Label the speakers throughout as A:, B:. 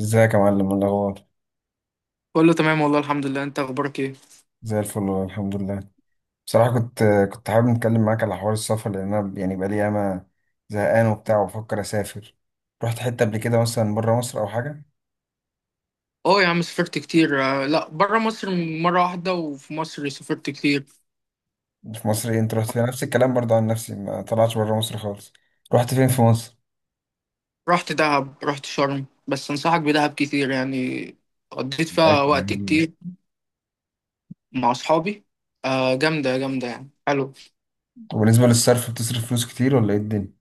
A: ازيك يا معلم؟ إيه الاخبار؟
B: كله تمام والله، الحمد لله. انت اخبارك ايه؟
A: زي الفل والله، الحمد لله. بصراحه كنت حابب نتكلم معاك على حوار السفر لان انا يعني بقالي ياما زهقان وبتاع وبفكر اسافر. رحت حته قبل كده مثلا بره مصر او حاجه؟
B: اه يا عم، سافرت كتير. لا، بره مصر مره واحده، وفي مصر سافرت كتير.
A: في مصر ايه؟ انت رحت فين؟ نفس الكلام برضه، عن نفسي ما طلعتش بره مصر خالص. رحت فين في مصر؟
B: رحت دهب، رحت شرم، بس انصحك بدهب كتير يعني. قضيت فيها
A: بقيت
B: وقت
A: يعني-
B: كتير مع اصحابي. آه جامده جامده يعني، حلو.
A: وبالنسبه للصرف بتصرف فلوس كتير ولا ايه الدنيا؟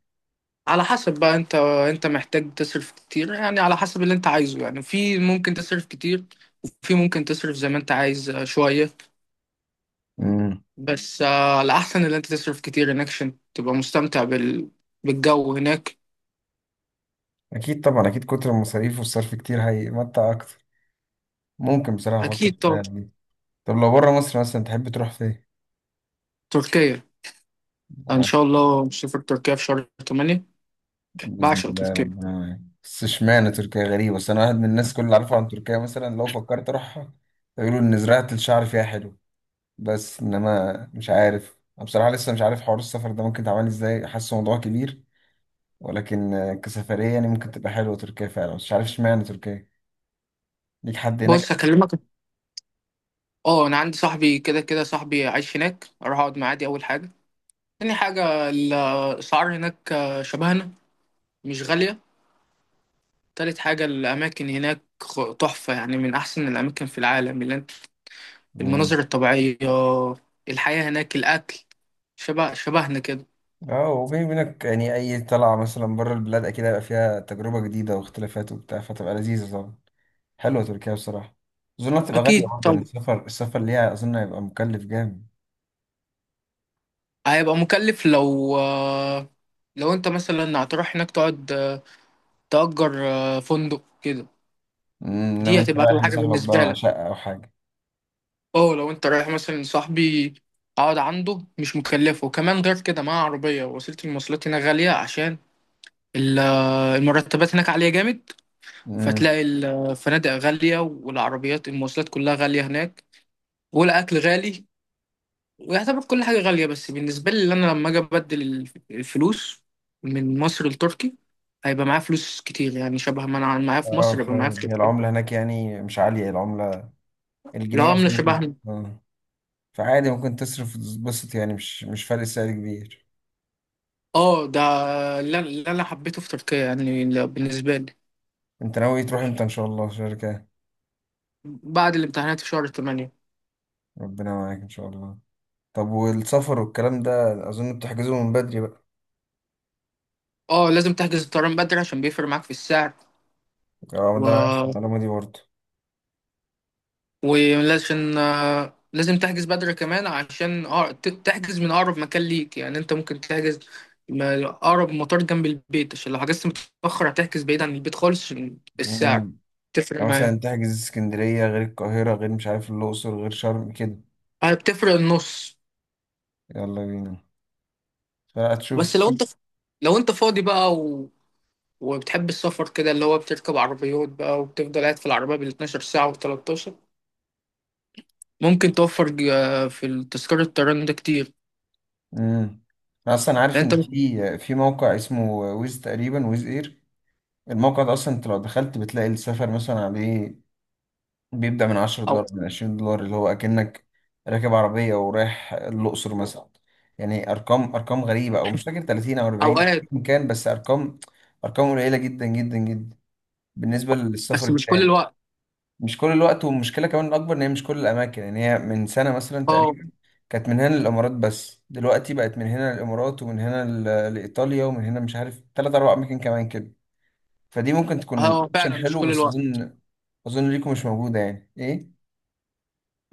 B: على حسب بقى انت. انت محتاج تصرف كتير يعني، على حسب اللي انت عايزه يعني. في ممكن تصرف كتير، وفي ممكن تصرف زي ما انت عايز شويه.
A: امم
B: بس الاحسن اللي انت تصرف كتير هناك عشان تبقى مستمتع بالجو هناك.
A: اكيد طبعا، اكيد كتر المصاريف والصرف كتير هيمتع اكتر. ممكن بصراحه افكر
B: أكيد
A: في
B: طبعا.
A: الحاجات دي. طب لو بره مصر مثلا تحب تروح فين؟
B: تركيا. إن شاء الله مسافر تركيا في شهر 8.
A: بإذن
B: بعشق
A: الله
B: تركيا.
A: ربنا معاك. بس اشمعنى تركيا؟ غريبة، بس أنا واحد من الناس كل اللي عارفها عن تركيا مثلا لو فكرت أروحها يقولوا إن زراعة الشعر فيها حلو. بس إنما مش عارف، أنا بصراحة لسه مش عارف حوار السفر ده ممكن تعمل إزاي، حاسه موضوع كبير. ولكن كسفرية يعني ممكن تبقى حلوة تركيا فعلا. بس مش عارف اشمعنى تركيا، ليك حد هناك؟
B: بص هكلمك. أه، أنا عندي صاحبي. كده كده صاحبي عايش هناك، أروح أقعد معاه، دي أول حاجة. تاني حاجة، الأسعار هناك شبهنا، مش غالية. تالت حاجة، الأماكن هناك تحفة، يعني من أحسن الأماكن في العالم. اللي أنت
A: مم.
B: المناظر الطبيعية، الحياة هناك، الأكل، شبهنا كده.
A: اه، وبيني وبينك يعني أي طلعة مثلا بره البلاد أكيد هيبقى فيها تجربة جديدة واختلافات وبتاع، فتبقى لذيذة طبعا. حلوة تركيا بصراحة. أظن هتبقى غالية
B: أكيد
A: برضه، يعني
B: طبعا.
A: السفر، السفر ليها أظن هيبقى مكلف جامد.
B: هيبقى مكلف لو لو أنت مثلا هتروح هناك تقعد تأجر فندق كده،
A: أمم، إنما
B: دي
A: أنت
B: هتبقى
A: رايح
B: أغلى حاجة
A: لصاحبك بقى
B: بالنسبة
A: مع
B: لك.
A: شقة أو حاجة.
B: اه، لو انت رايح مثلا صاحبي، اقعد عنده مش مكلفه. وكمان غير كده معاه عربية. وسيلة المواصلات هنا غالية، عشان ال- المرتبات هناك عالية جامد.
A: أمم.
B: فتلاقي الفنادق غالية، والعربيات المواصلات كلها غالية هناك، والأكل غالي. ويعتبر كل حاجة غالية، بس بالنسبة لي اللي أنا لما أجي أبدل الفلوس من مصر لتركي، هيبقى معايا فلوس كتير، يعني شبه ما أنا معايا في
A: أه،
B: مصر يبقى معايا
A: فاهم.
B: في
A: هي
B: تركيا.
A: العملة هناك يعني مش عالية العملة،
B: لو
A: الجنيه
B: عملة
A: مثلا ممكن
B: شبهنا.
A: أه. فعادي ممكن تصرف وتتبسط، يعني مش فرق سعر كبير.
B: اه، ده اللي أنا حبيته في تركيا يعني، ل- بالنسبة لي.
A: أنت ناوي تروح إمتى إن شاء الله شركة؟
B: بعد الامتحانات في شهر 8.
A: ربنا معاك إن شاء الله. طب والسفر والكلام ده أظن بتحجزه من بدري بقى.
B: اه، لازم تحجز الطيران بدري عشان بيفرق معاك في السعر.
A: أه
B: و...
A: ده أنا عارف المعلومة دي.
B: ولازم لازم تحجز بدري كمان، عشان تحجز من أقرب مكان ليك. يعني أنت ممكن تحجز أقرب مطار جنب البيت. عشان لو حجزت متأخر هتحجز بعيد عن البيت خالص، عشان
A: برضه،
B: السعر
A: يعني
B: تفرق
A: مثلا
B: معاك.
A: تحجز اسكندرية غير القاهرة غير مش عارف الأقصر غير شرم كده.
B: آه، بتفرق النص.
A: يلا بينا. فهتشوف
B: بس لو
A: تشوف.
B: أنت لو أنت فاضي بقى وبتحب السفر كده، اللي هو بتركب عربيات بقى وبتفضل قاعد في العربية بال12 ساعة و13، ممكن توفر في تذكرة الطيران ده كتير.
A: امم أنا أصلا
B: لأن
A: عارف
B: أنت
A: إن
B: ممكن-
A: في موقع اسمه ويز تقريبا، ويز إير. الموقع ده أصلا أنت لو دخلت بتلاقي السفر مثلا عليه بيبدأ من 10
B: أو
A: دولار من 20 دولار، اللي هو أكنك راكب عربية ورايح الأقصر مثلا. يعني أرقام، أرقام غريبة أو مش فاكر، 30 أو 40
B: أوقات.
A: أيا كان، بس أرقام، أرقام قليلة جدا جدا جدا بالنسبة للسفر
B: بس مش كل
A: التاني.
B: الوقت.
A: مش كل الوقت، والمشكلة كمان الأكبر إن هي مش كل الأماكن، يعني هي من سنة مثلا
B: أه،
A: تقريبا كانت من هنا للإمارات بس دلوقتي بقت من هنا للإمارات ومن هنا لإيطاليا ومن هنا مش عارف تلات أربع أماكن كمان كده. فدي ممكن تكون
B: هو
A: أوبشن
B: فعلا مش
A: حلو،
B: كل
A: بس
B: الوقت.
A: أظن ليكم مش موجودة يعني إيه؟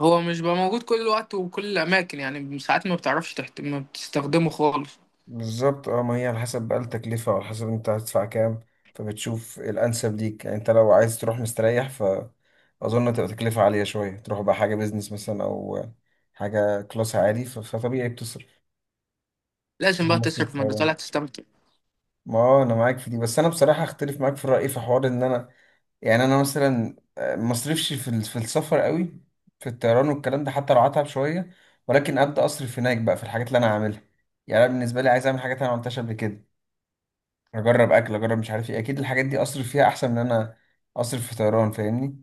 B: هو مش بقى موجود كل الوقت وكل الأماكن يعني. ساعات ما بتعرفش ما بتستخدمه خالص.
A: بالظبط اه، ما هي على حسب بقى التكلفة وعلى حسب انت هتدفع كام، فبتشوف الأنسب ليك. يعني انت لو عايز تروح مستريح فأظن تبقى تكلفة عالية شوية، تروح بقى حاجة بيزنس مثلا أو حاجة كلاس عالي، فطبيعي بتصرف.
B: لازم
A: شبه
B: بقى
A: مصر
B: تصرف، ما أنت طالع
A: الطيران.
B: تستمتع.
A: ما هو انا معاك في دي، بس انا بصراحه اختلف معاك في الراي في حوار ان انا يعني انا مثلا ما اصرفش في في السفر قوي، في الطيران والكلام ده. حتى لو هتعب شويه، ولكن ابدا اصرف هناك بقى في الحاجات اللي انا عاملها. يعني انا بالنسبه لي عايز اعمل حاجات انا ما عملتهاش قبل كده، اجرب اكل، اجرب مش عارف ايه. اكيد الحاجات دي اصرف فيها احسن من ان انا اصرف في طيران، فاهمني؟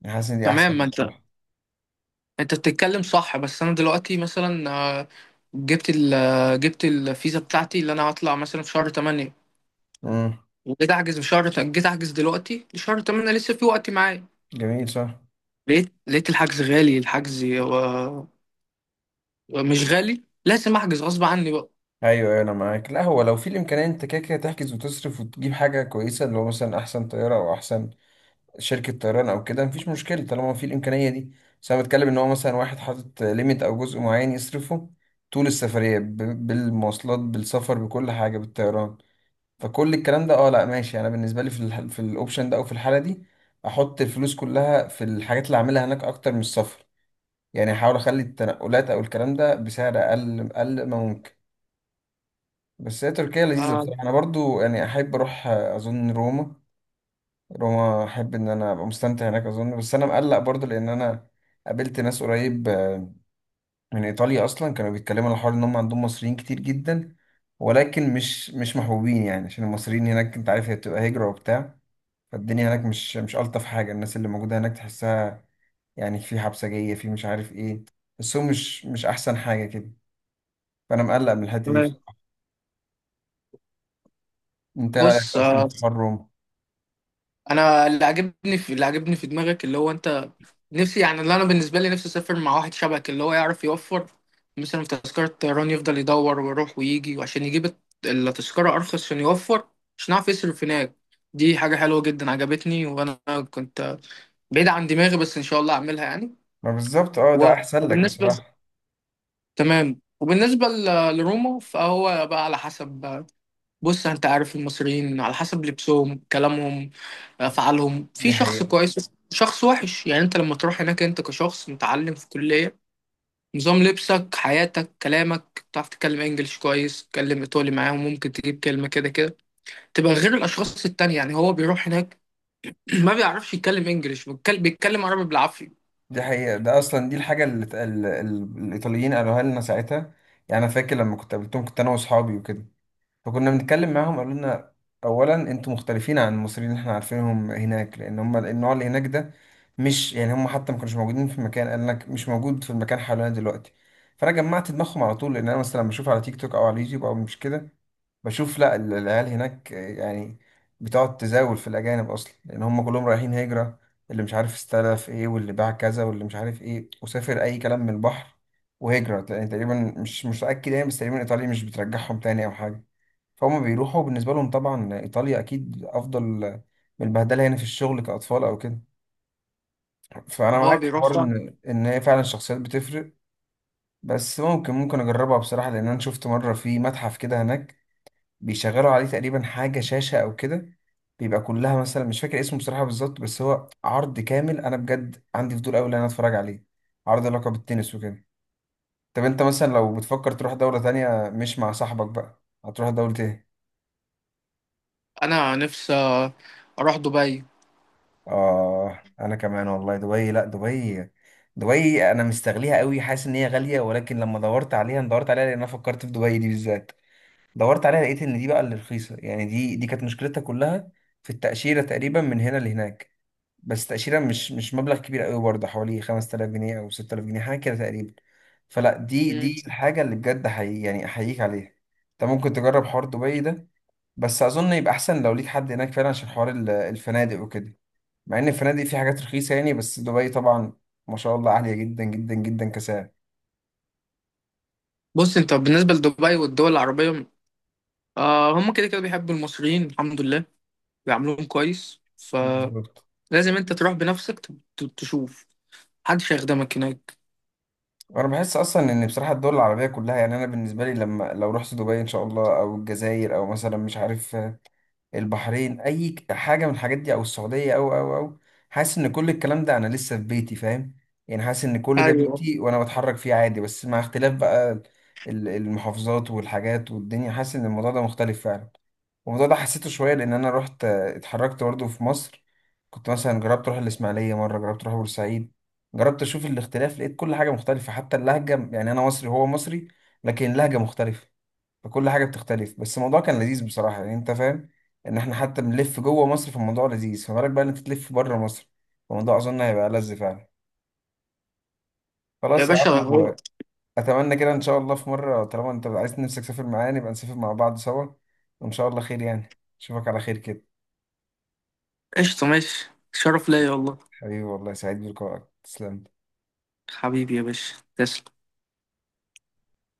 A: يعني حاسس ان دي
B: تمام
A: احسن
B: ما أنت
A: بصراحه.
B: أنت بتتكلم صح. بس أنا دلوقتي مثلا آه، جبت ال... آه، جبت الفيزا بتاعتي اللي أنا هطلع مثلا في شهر 8.
A: امم
B: وجيت احجز في شهر جيت احجز دلوقتي شهر 8 لسه في وقت معايا.
A: جميل صح.
B: لقيت الحجز غالي، مش غالي، لازم احجز غصب عني بقى.
A: ايوه أيوة، انا معاك. لا هو لو في الامكانيه انت كده كده تحجز وتصرف وتجيب حاجه كويسه، اللي هو مثلا احسن طياره او احسن شركة طيران أو كده، مفيش مشكلة طالما في الإمكانية دي. بس أنا بتكلم إن هو مثلا واحد حاطط ليميت أو جزء معين يصرفه طول السفرية بالمواصلات بالسفر بكل حاجة بالطيران، فكل الكلام ده أه لأ ماشي. أنا بالنسبة لي في في الأوبشن ده أو في الحالة دي أحط الفلوس كلها في الحاجات اللي أعملها هناك أكتر من السفر. يعني أحاول أخلي التنقلات أو الكلام ده بسعر أقل، أقل ما ممكن. بس هي تركيا لذيذة
B: آه.
A: بصراحة. أنا برضو يعني أحب أروح أظن روما. روما احب ان انا ابقى مستمتع هناك اظن. بس انا مقلق برضه، لان انا قابلت ناس قريب من ايطاليا اصلا كانوا بيتكلموا على الحوار ان هم عندهم مصريين كتير جدا، ولكن مش محبوبين يعني، عشان المصريين هناك انت عارف هي بتبقى هجرة وبتاع. فالدنيا هناك مش الطف حاجة، الناس اللي موجودة هناك تحسها يعني في حبسجية، في مش عارف ايه. بس هو مش احسن حاجة كده. فانا مقلق من الحتة دي
B: تمام.
A: بصراحة. انت رأيك
B: بص
A: اصلا في حر روما؟
B: انا اللي عجبني في دماغك، اللي هو انت نفسي يعني. اللي انا بالنسبه لي نفسي اسافر مع واحد شبهك، اللي هو يعرف يوفر. مثلا في تذكره طيران يفضل يدور ويروح ويجي، وعشان يجيب التذكره ارخص، عشان يوفر، عشان يعرف يصرف هناك. دي حاجه حلوه جدا، عجبتني. وانا كنت بعيد عن دماغي، بس ان شاء الله اعملها يعني.
A: ما بالظبط اه، ده احسن لك
B: وبالنسبة
A: بصراحة.
B: تمام. وبالنسبة ل- لروما فهو بقى على حسب. بص انت عارف المصريين على حسب لبسهم، كلامهم، افعالهم،
A: دي
B: في شخص
A: حقيقة.
B: كويس شخص وحش. يعني انت لما تروح هناك انت كشخص متعلم في كلية، نظام لبسك، حياتك، كلامك، تعرف تتكلم انجلش كويس، تتكلم ايطالي معاهم ممكن تجيب كلمة كده كده، تبقى غير الاشخاص التانية. يعني هو بيروح هناك ما بيعرفش يتكلم انجلش، بيتكلم عربي بالعافية.
A: دي حقيقة، ده أصلا دي الحاجة اللي الإيطاليين قالوها لنا ساعتها. يعني أنا فاكر لما كنت قابلتهم كنت أنا وأصحابي وكده، فكنا بنتكلم معاهم قالوا لنا أولا أنتوا مختلفين عن المصريين اللي إحنا عارفينهم هناك، لأن هم النوع اللي هناك ده مش يعني هم حتى ما كانوش موجودين في المكان، قال لك مش موجود في المكان حوالينا دلوقتي. فأنا جمعت دماغهم على طول، لأن أنا مثلا لما بشوف على تيك توك أو على اليوتيوب أو مش كده بشوف لا العيال هناك يعني بتقعد تزاول في الأجانب أصلا، لأن هم كلهم رايحين هجرة، اللي مش عارف استلف إيه، واللي باع كذا، واللي مش عارف إيه وسافر أي كلام من البحر. وهجرة لأن تقريبا مش متأكد يعني، بس تقريبا إيطاليا مش بترجعهم تاني أو حاجة. فهم بيروحوا، بالنسبة لهم طبعا إيطاليا أكيد أفضل من البهدلة هنا في الشغل كأطفال أو كده. فأنا
B: وهو
A: معاك في
B: بيروح
A: حوار
B: بقى.
A: إن هي فعلا الشخصيات بتفرق. بس ممكن أجربها بصراحة، لأن أنا شفت مرة في متحف كده هناك بيشغلوا عليه تقريبا حاجة شاشة أو كده، بيبقى كلها مثلا مش فاكر اسمه بصراحة بالظبط، بس هو عرض كامل أنا بجد عندي فضول أوي إن أنا أتفرج عليه. عرض علاقة بالتنس وكده. طب أنت مثلا لو بتفكر تروح دولة تانية مش مع صاحبك بقى هتروح دولة إيه؟
B: انا نفسي اروح دبي.
A: آه أنا كمان والله دبي. لأ دبي، دبي أنا مستغليها أوي، حاسس إن هي غالية، ولكن لما دورت عليها أنا دورت عليها لأن أنا فكرت في دبي دي بالذات، دورت عليها لقيت إن دي بقى اللي رخيصة يعني. دي كانت مشكلتها كلها في التأشيرة تقريبا من هنا لهناك. بس تأشيرة مش مبلغ كبير قوي برضه، حوالي 5000 جنيه أو 6000 جنيه حاجة كده تقريبا. فلا دي الحاجة اللي بجد حقيقي يعني أحييك عليها. أنت ممكن تجرب حوار دبي ده، بس أظن يبقى أحسن لو ليك حد هناك فعلا عشان حوار الفنادق وكده. مع إن الفنادق في حاجات رخيصة يعني، بس دبي طبعا ما شاء الله عالية جدا جدا جدا كسعر.
B: بص انت بالنسبه لدبي والدول العربيه، آه، هم كده كده بيحبوا المصريين الحمد لله، بيعاملوهم كويس.
A: بالظبط.
B: فلازم انت تروح بنفسك تشوف. محدش هيخدمك هناك.
A: وانا بحس اصلا ان بصراحه الدول العربيه كلها، يعني انا بالنسبه لي لما لو رحت دبي ان شاء الله او الجزائر او مثلا مش عارف البحرين اي حاجه من الحاجات دي او السعوديه او حاسس ان كل الكلام ده انا لسه في بيتي، فاهم؟ يعني حاسس ان كل ده
B: ايوه
A: بيتي وانا بتحرك فيه عادي، بس مع اختلاف بقى المحافظات والحاجات والدنيا. حاسس ان الموضوع ده مختلف فعلا. والموضوع ده حسيته شويه لان انا رحت اتحركت برضه في مصر، كنت مثلا جربت اروح الاسماعيليه مره، جربت اروح بورسعيد، جربت اشوف الاختلاف، لقيت كل حاجه مختلفه حتى اللهجه. يعني انا مصري هو مصري لكن اللهجه مختلفه، فكل حاجه بتختلف. بس الموضوع كان لذيذ بصراحه، يعني انت فاهم ان احنا حتى بنلف جوه مصر فالموضوع لذيذ، فما بالك بقى ان انت تلف بره مصر، فالموضوع اظن هيبقى لذ فعلا.
B: يا
A: خلاص يا
B: باشا،
A: عم
B: هو
A: اتمنى كده ان شاء الله في مره طالما انت عايز نفسك تسافر معايا نبقى نسافر مع بعض سوا. وان شاء الله خير، يعني اشوفك على خير كده.
B: قشطه، ماشي، شرف ليا والله.
A: حبيبي والله سعيد بلقائك، تسلم.
B: حبيبي يا باشا، تسلم.